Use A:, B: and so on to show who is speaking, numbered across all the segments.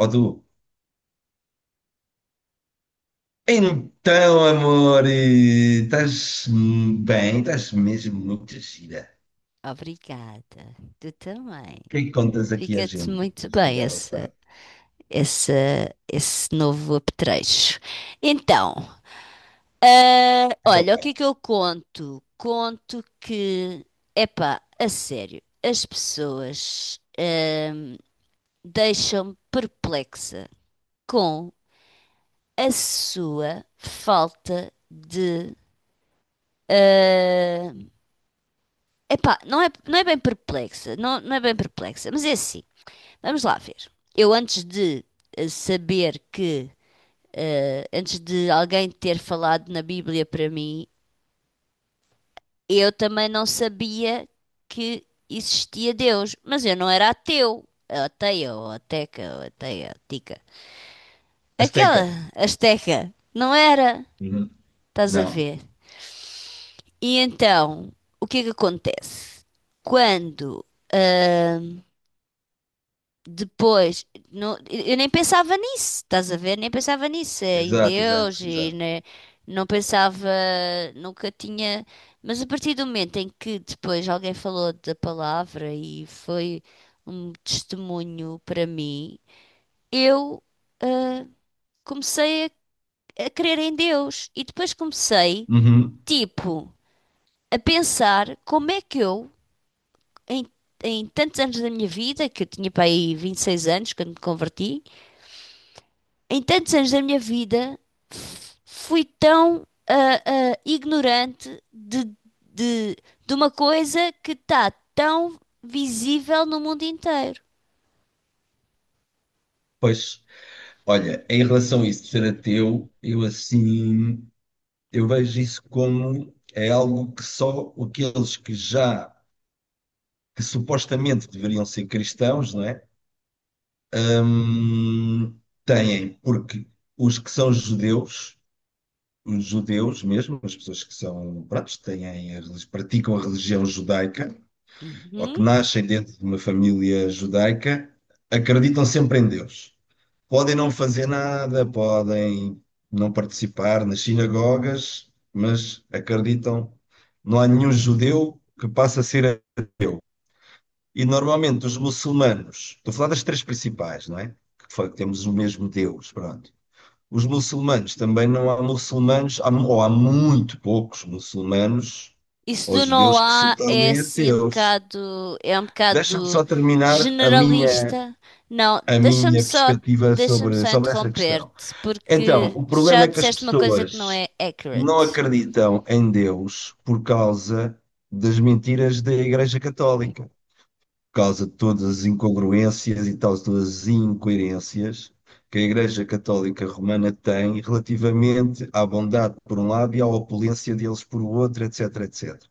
A: Ou do então, amor, estás bem? Estás mesmo muito gira.
B: Obrigada. Tu também.
A: O que é que contas aqui a
B: Fica-te
A: gente
B: muito
A: esta
B: bem
A: bela
B: esse,
A: tarde?
B: esse, esse novo apetrecho. Então,
A: Então,
B: olha, o que
A: pá,
B: é que eu conto? Conto que, epá, a sério, as pessoas, deixam-me perplexa com a sua falta de. ah, epá, não é bem perplexa, não é bem perplexa, mas é assim. Vamos lá ver. Eu antes de saber que, antes de alguém ter falado na Bíblia para mim, eu também não sabia que existia Deus, mas eu não era ateu. Ou ateia, ou ateca, ou ateia, tica. Aquela
A: Azteca.
B: asteca, não era?
A: Uhum.
B: Estás a
A: Não.
B: ver? E então, o que é que acontece? Quando ahm, Depois, eu nem pensava nisso, estás a ver? Nem pensava nisso, em
A: Exato, exato,
B: Deus e
A: exato.
B: né, não pensava, nunca tinha. Mas a partir do momento em que depois alguém falou da palavra e foi um testemunho para mim, eu ah, comecei a crer em Deus e depois comecei,
A: Uhum.
B: tipo, a pensar como é que eu, em, em tantos anos da minha vida, que eu tinha para aí 26 anos quando me converti, em tantos anos da minha vida, fui tão ignorante de, de, de uma coisa que está tão visível no mundo inteiro.
A: Pois, olha, em relação a isso de ser ateu, eu assim, eu vejo isso como é algo que só aqueles que já, que supostamente deveriam ser cristãos, não é? Hum, têm, porque os que são judeus, os judeus mesmo, as pessoas que são, pronto, têm, praticam a religião judaica, ou que
B: Uhum.
A: nascem dentro de uma família judaica, acreditam sempre em Deus. Podem não fazer nada, podem não participar nas sinagogas, mas acreditam. Não há nenhum judeu que passe a ser ateu. E normalmente os muçulmanos, estou a falar das três principais, não é? Que foi que temos o mesmo Deus, pronto. Os muçulmanos também não há muçulmanos, há- ou há muito poucos muçulmanos
B: Isso
A: ou
B: do não
A: judeus que se
B: há é
A: tornem
B: assim um
A: ateus.
B: bocado, é um
A: Deixa-me
B: bocado
A: só terminar
B: generalista. Não,
A: a minha perspectiva
B: deixa-me
A: sobre,
B: só
A: sobre essa questão.
B: interromper-te,
A: Então,
B: porque
A: o problema
B: já
A: é que as
B: disseste uma coisa que não é
A: pessoas não
B: accurate.
A: acreditam em Deus por causa das mentiras da Igreja Católica causa de todas as incongruências e tal, todas as incoerências que a Igreja Católica Romana tem relativamente à bondade por um lado e à opulência deles por outro, etc, etc.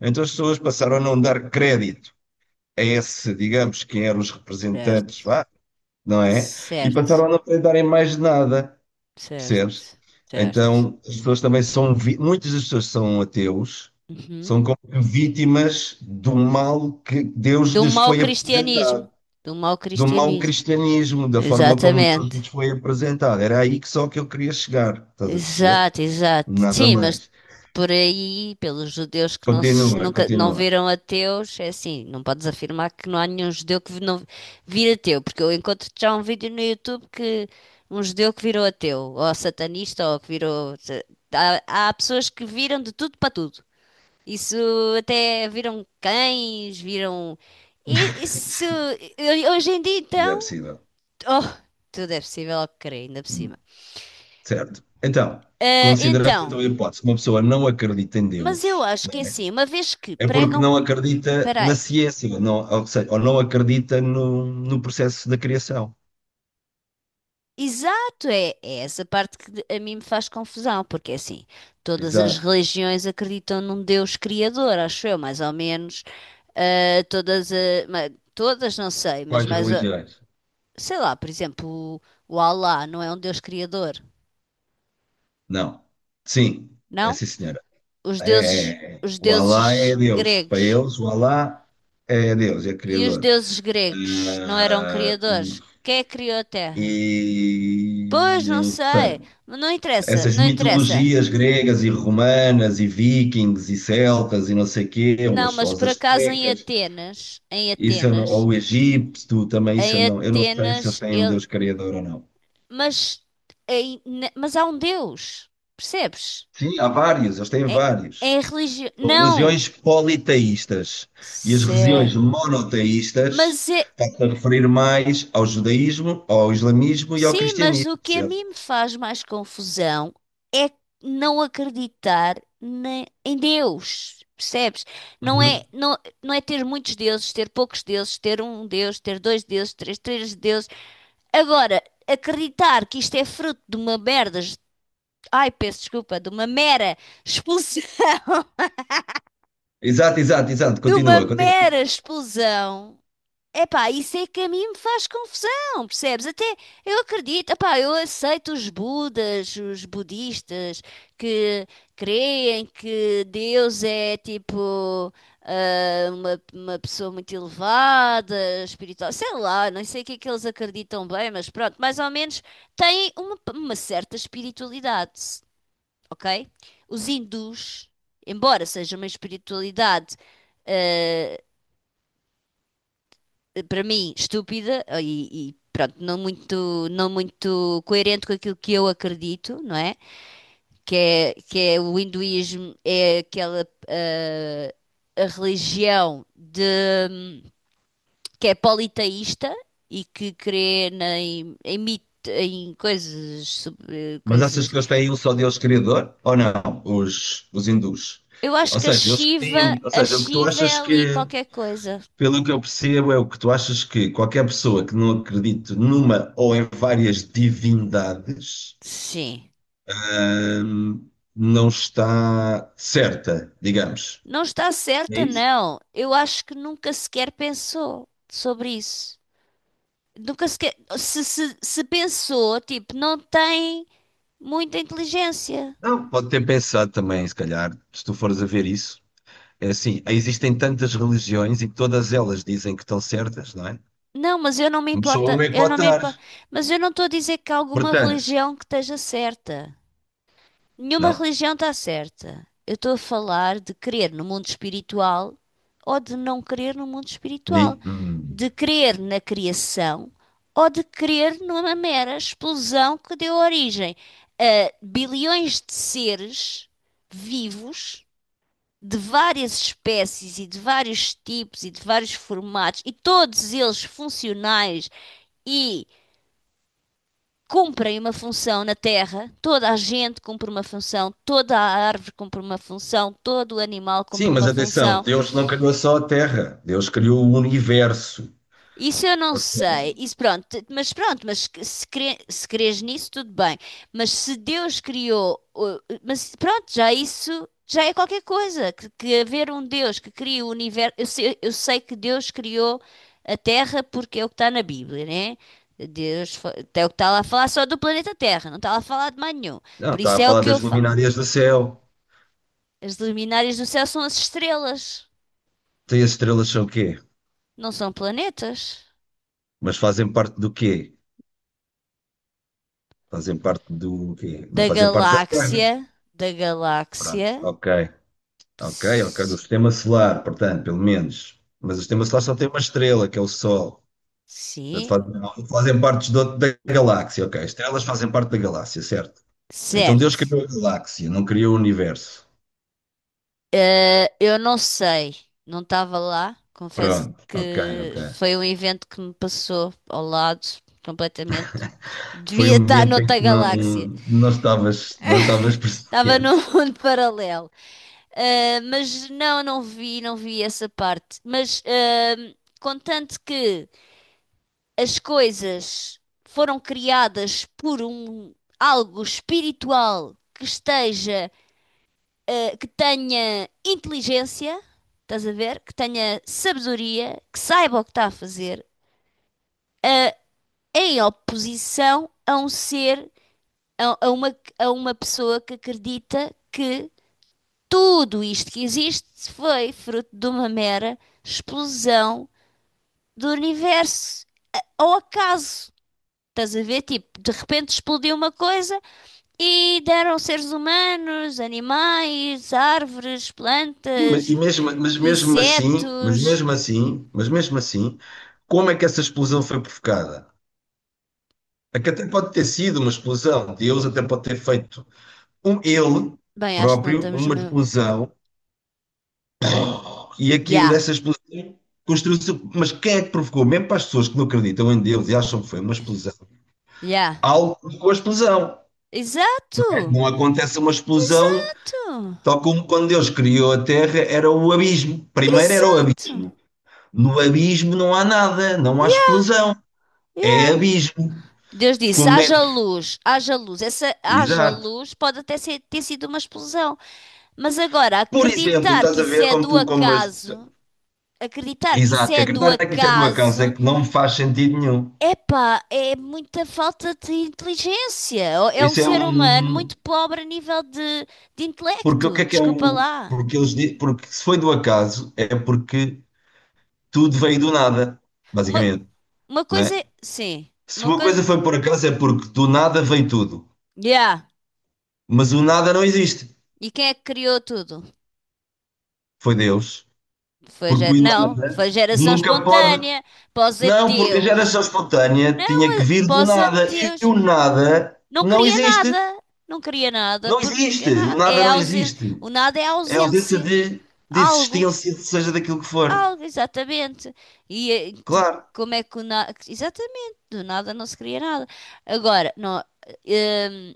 A: Então as pessoas passaram a não dar crédito a esse, digamos, quem eram os
B: Certo,
A: representantes, vá, não é? E
B: certo,
A: passaram a não acreditarem mais nada, percebes?
B: certo, certo.
A: Então as pessoas também são, muitas das pessoas são ateus,
B: Uhum.
A: são como que vítimas do mal que Deus
B: Do
A: lhes
B: mau
A: foi
B: cristianismo.
A: apresentado
B: Do mau
A: do mau
B: cristianismo.
A: cristianismo, da forma como Deus
B: Exatamente.
A: nos foi apresentado. Era aí que só que eu queria chegar, estás a perceber?
B: Exato, exato.
A: Nada
B: Sim, mas
A: mais.
B: por aí, pelos judeus que
A: Continua,
B: nunca não
A: continua.
B: viram ateus, é assim, não podes afirmar que não há nenhum judeu que não vira ateu, porque eu encontro já um vídeo no YouTube que um judeu que virou ateu, ou satanista, ou que virou. Há, há pessoas que viram de tudo para tudo. Isso até viram cães, viram. Isso. Hoje em dia,
A: Não é
B: então.
A: possível.
B: Oh, tudo é possível ao que crer, ainda por cima.
A: Certo. Então,
B: Ah,
A: considerando então,
B: então.
A: a hipótese que uma pessoa não acredita em
B: Mas eu
A: Deus,
B: acho
A: não
B: que é
A: é?
B: assim, uma vez que
A: É porque
B: pregam.
A: não acredita na
B: Peraí.
A: ciência, não, ou seja, ou não acredita no, no processo da criação.
B: Exato, é essa parte que a mim me faz confusão, porque é assim, todas as
A: Exato.
B: religiões acreditam num Deus criador, acho eu, mais ou menos. Ah, todas, ah, todas não sei, mas
A: Quais
B: mais,
A: religiões?
B: sei lá, por exemplo, o Alá não é um Deus criador,
A: Não. Sim, é
B: não?
A: sim, senhora.
B: Os deuses,
A: É,
B: os
A: o Alá é
B: deuses
A: Deus. Para
B: gregos.
A: eles, o Alá é Deus, é
B: E os
A: Criador.
B: deuses gregos não eram
A: Ah,
B: criadores? Quem é que criou a Terra?
A: e
B: Pois, não
A: eu sei.
B: sei. Não interessa,
A: Essas
B: não interessa.
A: mitologias gregas e romanas e vikings e celtas e não sei quê,
B: Não,
A: ou
B: mas
A: as
B: por acaso em
A: astecas,
B: Atenas, em
A: isso eu não,
B: Atenas,
A: ou o Egito também, isso
B: em
A: eu não sei se eles
B: Atenas,
A: têm um
B: ele.
A: Deus criador ou não.
B: Mas, mas há um Deus, percebes?
A: Sim, há vários, eles têm
B: É,
A: vários.
B: é religião.
A: Religiões
B: Não.
A: politeístas. E as religiões
B: Se...
A: monoteístas
B: Mas é.
A: está-se a referir mais ao judaísmo, ao islamismo e ao
B: Sim, mas
A: cristianismo,
B: o que a
A: certo?
B: mim me faz mais confusão é não acreditar em Deus, percebes? Não é,
A: Uhum.
B: não, não é ter muitos deuses, ter poucos deuses, ter um deus, ter dois deuses, três deuses. Agora, acreditar que isto é fruto de uma merda, ai, peço desculpa, de uma mera expulsão,
A: Exato, exato, exato.
B: de uma
A: Continua, continua.
B: mera expulsão. Epá, isso é que a mim me faz confusão, percebes? Até eu acredito, epá, eu aceito os budas, os budistas que creem que Deus é tipo uma pessoa muito elevada, espiritual, sei lá, não sei o que é que eles acreditam bem, mas pronto, mais ou menos têm uma certa espiritualidade, ok? Os hindus, embora seja uma espiritualidade para mim, estúpida pronto, não muito, não muito coerente com aquilo que eu acredito, não é? Que é o hinduísmo, é aquela a religião de, que é politeísta e que crê em em coisas,
A: Mas achas
B: coisas.
A: que eles têm um só Deus criador? Ou não? Os hindus.
B: Eu acho
A: Ou
B: que
A: seja, eles têm, ou
B: A
A: seja, o que tu
B: Shiva é
A: achas
B: ali
A: que,
B: qualquer coisa.
A: pelo que eu percebo, é o que tu achas que qualquer pessoa que não acredite numa ou em várias divindades
B: Sim.
A: hum, não está certa, digamos.
B: Não está
A: É
B: certa,
A: isso?
B: não. Eu acho que nunca sequer pensou sobre isso. Nunca sequer. Se pensou, tipo, não tem muita inteligência.
A: Não, pode ter pensado também, se calhar, se tu fores a ver isso. É assim, existem tantas religiões e todas elas dizem que estão certas, não é?
B: Não, mas eu não me
A: Mas só
B: importa.
A: uma é que
B: Eu
A: pode
B: não me
A: estar.
B: importa. Mas eu não estou a dizer que há alguma
A: Portanto,
B: religião que esteja certa. Nenhuma
A: não.
B: religião está certa. Eu estou a falar de crer no mundo espiritual ou de não crer no mundo espiritual.
A: Ni- hum.
B: De crer na criação ou de crer numa mera explosão que deu origem a bilhões de seres vivos de várias espécies e de vários tipos e de vários formatos e todos eles funcionais e cumprem uma função na Terra. Toda a gente cumpre uma função, toda a árvore cumpre uma função, todo o animal
A: Sim,
B: cumpre
A: mas
B: uma
A: atenção,
B: função.
A: Deus não criou só a Terra, Deus criou o universo.
B: Isso eu não
A: Ou
B: sei.
A: seja,
B: Mas pronto, se, cre se crês nisso, tudo bem. Mas se Deus criou, mas pronto, já isso já é qualquer coisa. Que haver um Deus que cria o universo. Eu sei que Deus criou a Terra porque é o que está na Bíblia, né? É o que está lá a falar só do planeta Terra, não está lá a falar de mais nenhum.
A: não,
B: Por
A: está
B: isso
A: a
B: é o
A: falar
B: que eu
A: das
B: falo.
A: luminárias do céu.
B: As luminárias do céu são as estrelas,
A: Tem as estrelas são o quê?
B: não são planetas.
A: Mas fazem parte do quê? Fazem parte do quê? Não
B: Da
A: fazem parte da
B: galáxia,
A: Terra.
B: da galáxia.
A: Pronto, ok. Ok, ok, do
B: S-
A: sistema solar, portanto, pelo menos. Mas o sistema solar só tem uma estrela, que é o Sol. Portanto,
B: Sim,
A: fazem, não, fazem parte da galáxia, ok. Estrelas fazem parte da galáxia, certo? Então Deus
B: certo.
A: criou a galáxia, não criou o universo.
B: Eu não sei, não estava lá. Confesso
A: Pronto, ok,
B: que
A: ok.
B: foi um evento que me passou ao lado completamente.
A: Foi
B: Devia
A: um
B: estar
A: momento em
B: noutra
A: que não,
B: galáxia,
A: não estavas, não estavas
B: estava num
A: presente.
B: mundo paralelo. Mas não, não vi, não vi essa parte. Mas contanto que as coisas foram criadas por um algo espiritual que esteja. Que tenha inteligência, estás a ver? Que tenha sabedoria, que saiba o que está a fazer, eh, em oposição a um ser, a uma pessoa que acredita que tudo isto que existe foi fruto de uma mera explosão do universo, ao acaso. Estás a ver? Tipo, de repente explodiu uma coisa. E deram seres humanos, animais, árvores,
A: Sim, mas,
B: plantas,
A: e mesmo, mas mesmo assim, mas
B: insetos.
A: mesmo assim, mas mesmo assim, como é que essa explosão foi provocada? É que até pode ter sido uma explosão, Deus até pode ter feito um ele
B: Bem, acho que não
A: próprio,
B: estamos
A: uma
B: mesmo.
A: explosão, e aquilo,
B: Já,
A: essa explosão construiu-se. Mas quem é que provocou? Mesmo para as pessoas que não acreditam em Deus e acham que foi uma explosão,
B: já.
A: algo provocou a explosão.
B: Exato!
A: Não acontece uma explosão,
B: Exato!
A: tal como quando Deus criou a Terra, era o abismo. Primeiro era o
B: Exato!
A: abismo. No abismo não há nada, não há
B: Yeah,
A: explosão. É
B: yeah.
A: abismo.
B: Deus disse:
A: Como é?
B: haja
A: Que.
B: luz, haja luz. Essa haja
A: Exato.
B: luz pode até ter sido uma explosão. Mas agora,
A: Por exemplo,
B: acreditar
A: estás
B: que
A: a
B: isso
A: ver
B: é
A: como
B: do
A: tu, como as...
B: acaso, acreditar que isso
A: Exato, que
B: é do
A: acreditar é que isto é do acaso, é
B: acaso,
A: que não me faz sentido nenhum.
B: epá, é muita falta de inteligência. É um
A: Isso é
B: ser humano
A: um.
B: muito pobre a nível de
A: Porque o
B: intelecto.
A: que é
B: Desculpa
A: o.
B: lá.
A: Porque, eles... porque se foi do acaso, é porque tudo veio do nada,
B: Uma,
A: basicamente,
B: uma coisa
A: né?
B: é. Sim,
A: Se
B: uma
A: uma coisa
B: coisa.
A: foi por acaso, é porque do nada veio tudo.
B: Yeah.
A: Mas o nada não existe.
B: E quem é que criou tudo?
A: Foi Deus. Porque o
B: Não,
A: nada
B: foi geração
A: nunca pode.
B: espontânea. Pós
A: Não, porque a
B: ateus.
A: geração espontânea tinha que vir do
B: Pós
A: nada e o
B: ateus.
A: nada
B: Não
A: não
B: cria
A: existe.
B: nada. Não cria nada
A: Não
B: porque
A: existe. O nada
B: é a
A: não
B: ausência.
A: existe.
B: O nada é a
A: É a ausência
B: ausência.
A: de
B: Algo.
A: existência, seja daquilo que for.
B: Algo, exatamente. E eh, te-
A: Claro,
B: como é que o na... Exatamente, do nada não se cria nada. Agora, não, hum,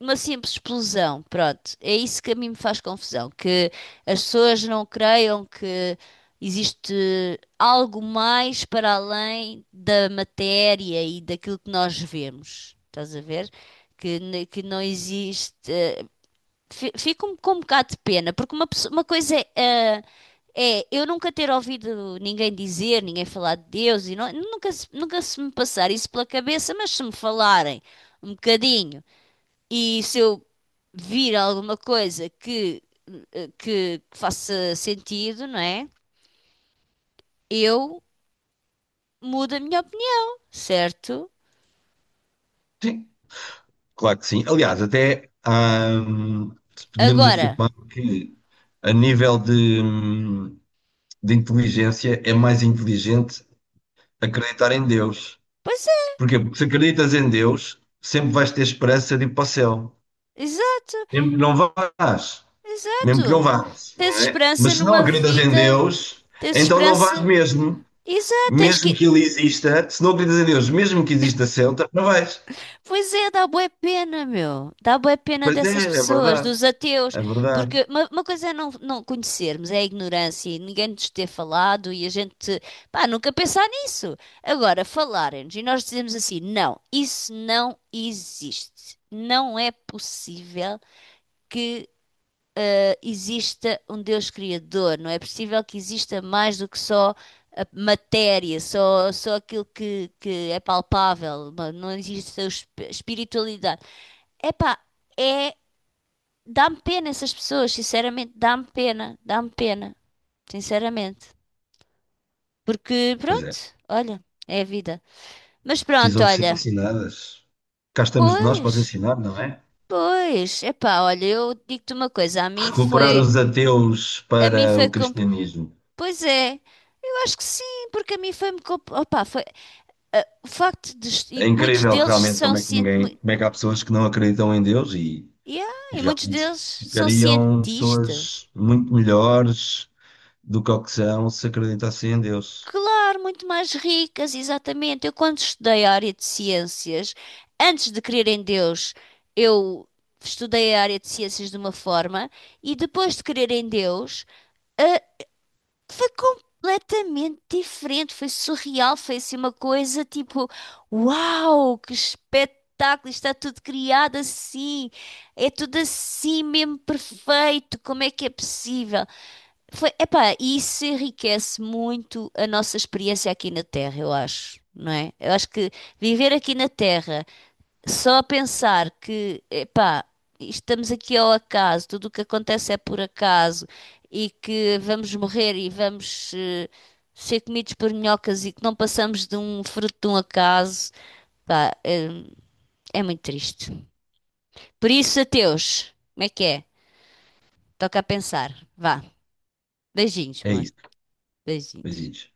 B: uma simples explosão, pronto, é isso que a mim me faz confusão, que as pessoas não creiam que existe algo mais para além da matéria e daquilo que nós vemos. Estás a ver? Que não existe. Fico com um bocado de pena, porque uma coisa é. Eu nunca ter ouvido ninguém dizer, ninguém falar de Deus, e nunca, nunca se me passar isso pela cabeça, mas se me falarem um bocadinho e se eu vir alguma coisa que, que faça sentido, não é? Eu mudo a minha opinião, certo?
A: sim, claro que sim. Aliás, até podíamos
B: Agora,
A: afirmar que a nível de inteligência é mais inteligente acreditar em Deus.
B: pois é,
A: Porquê? Porque se acreditas em Deus, sempre vais ter esperança de ir para o céu.
B: exato,
A: Sempre Não vais. Mesmo que não
B: exato.
A: vás, não
B: Tens
A: é?
B: esperança
A: Mas se não
B: numa
A: acreditas em
B: vida,
A: Deus,
B: tens
A: então não vais
B: esperança,
A: mesmo,
B: exato, tens
A: mesmo
B: que,
A: que Ele exista, se não acreditas em Deus, mesmo que exista Celta, não vais.
B: pois é, dá bué pena, meu. Dá bué pena
A: Pois é,
B: dessas
A: é
B: pessoas,
A: verdade,
B: dos ateus,
A: é verdade.
B: porque uma coisa é não conhecermos, é a ignorância e ninguém nos ter falado e a gente, pá, nunca pensar nisso. Agora, falarem-nos e nós dizemos assim, não, isso não existe. Não é possível que exista um Deus criador, não é possível que exista mais do que só a matéria, só aquilo que é palpável, não existe a espiritualidade. Epá, é. Dá-me pena essas pessoas, sinceramente, dá-me pena, sinceramente. Porque,
A: Pois é,
B: pronto, olha, é a vida. Mas pronto,
A: precisam de ser
B: olha,
A: ensinadas. Cá estamos nós para os
B: pois,
A: ensinar, não é?
B: pois, epá, olha, eu digo-te uma coisa,
A: Recuperar os ateus
B: a mim
A: para
B: foi,
A: o cristianismo.
B: pois é, eu acho que sim, porque a mim foi-me, opá, foi, o facto de,
A: É
B: e muitos
A: incrível
B: deles
A: realmente
B: são
A: como é que ninguém,
B: cientistas,
A: como é que há pessoas que não acreditam em Deus
B: yeah,
A: e
B: e muitos
A: realmente
B: deles são
A: ficariam
B: cientistas,
A: pessoas muito melhores do que ao que são se acreditassem em Deus.
B: claro, muito mais ricas, exatamente. Eu, quando estudei a área de ciências, antes de crer em Deus, eu estudei a área de ciências de uma forma e depois de crer em Deus, ah, foi completamente diferente. Foi surreal, foi assim uma coisa tipo: uau, que espetáculo! Está tudo criado assim, é tudo assim mesmo perfeito. Como é que é possível? Foi, epá, e isso enriquece muito a nossa experiência aqui na Terra, eu acho, não é? Eu acho que viver aqui na Terra, só a pensar que, epá, estamos aqui ao acaso, tudo o que acontece é por acaso e que vamos morrer e vamos ser comidos por minhocas e que não passamos de um fruto de um acaso, pá, é, é muito triste. Por isso, ateus, como é que é? Toca a pensar. Vá, beijinhos,
A: É
B: amor,
A: isso.
B: beijinhos.
A: Beijinhos.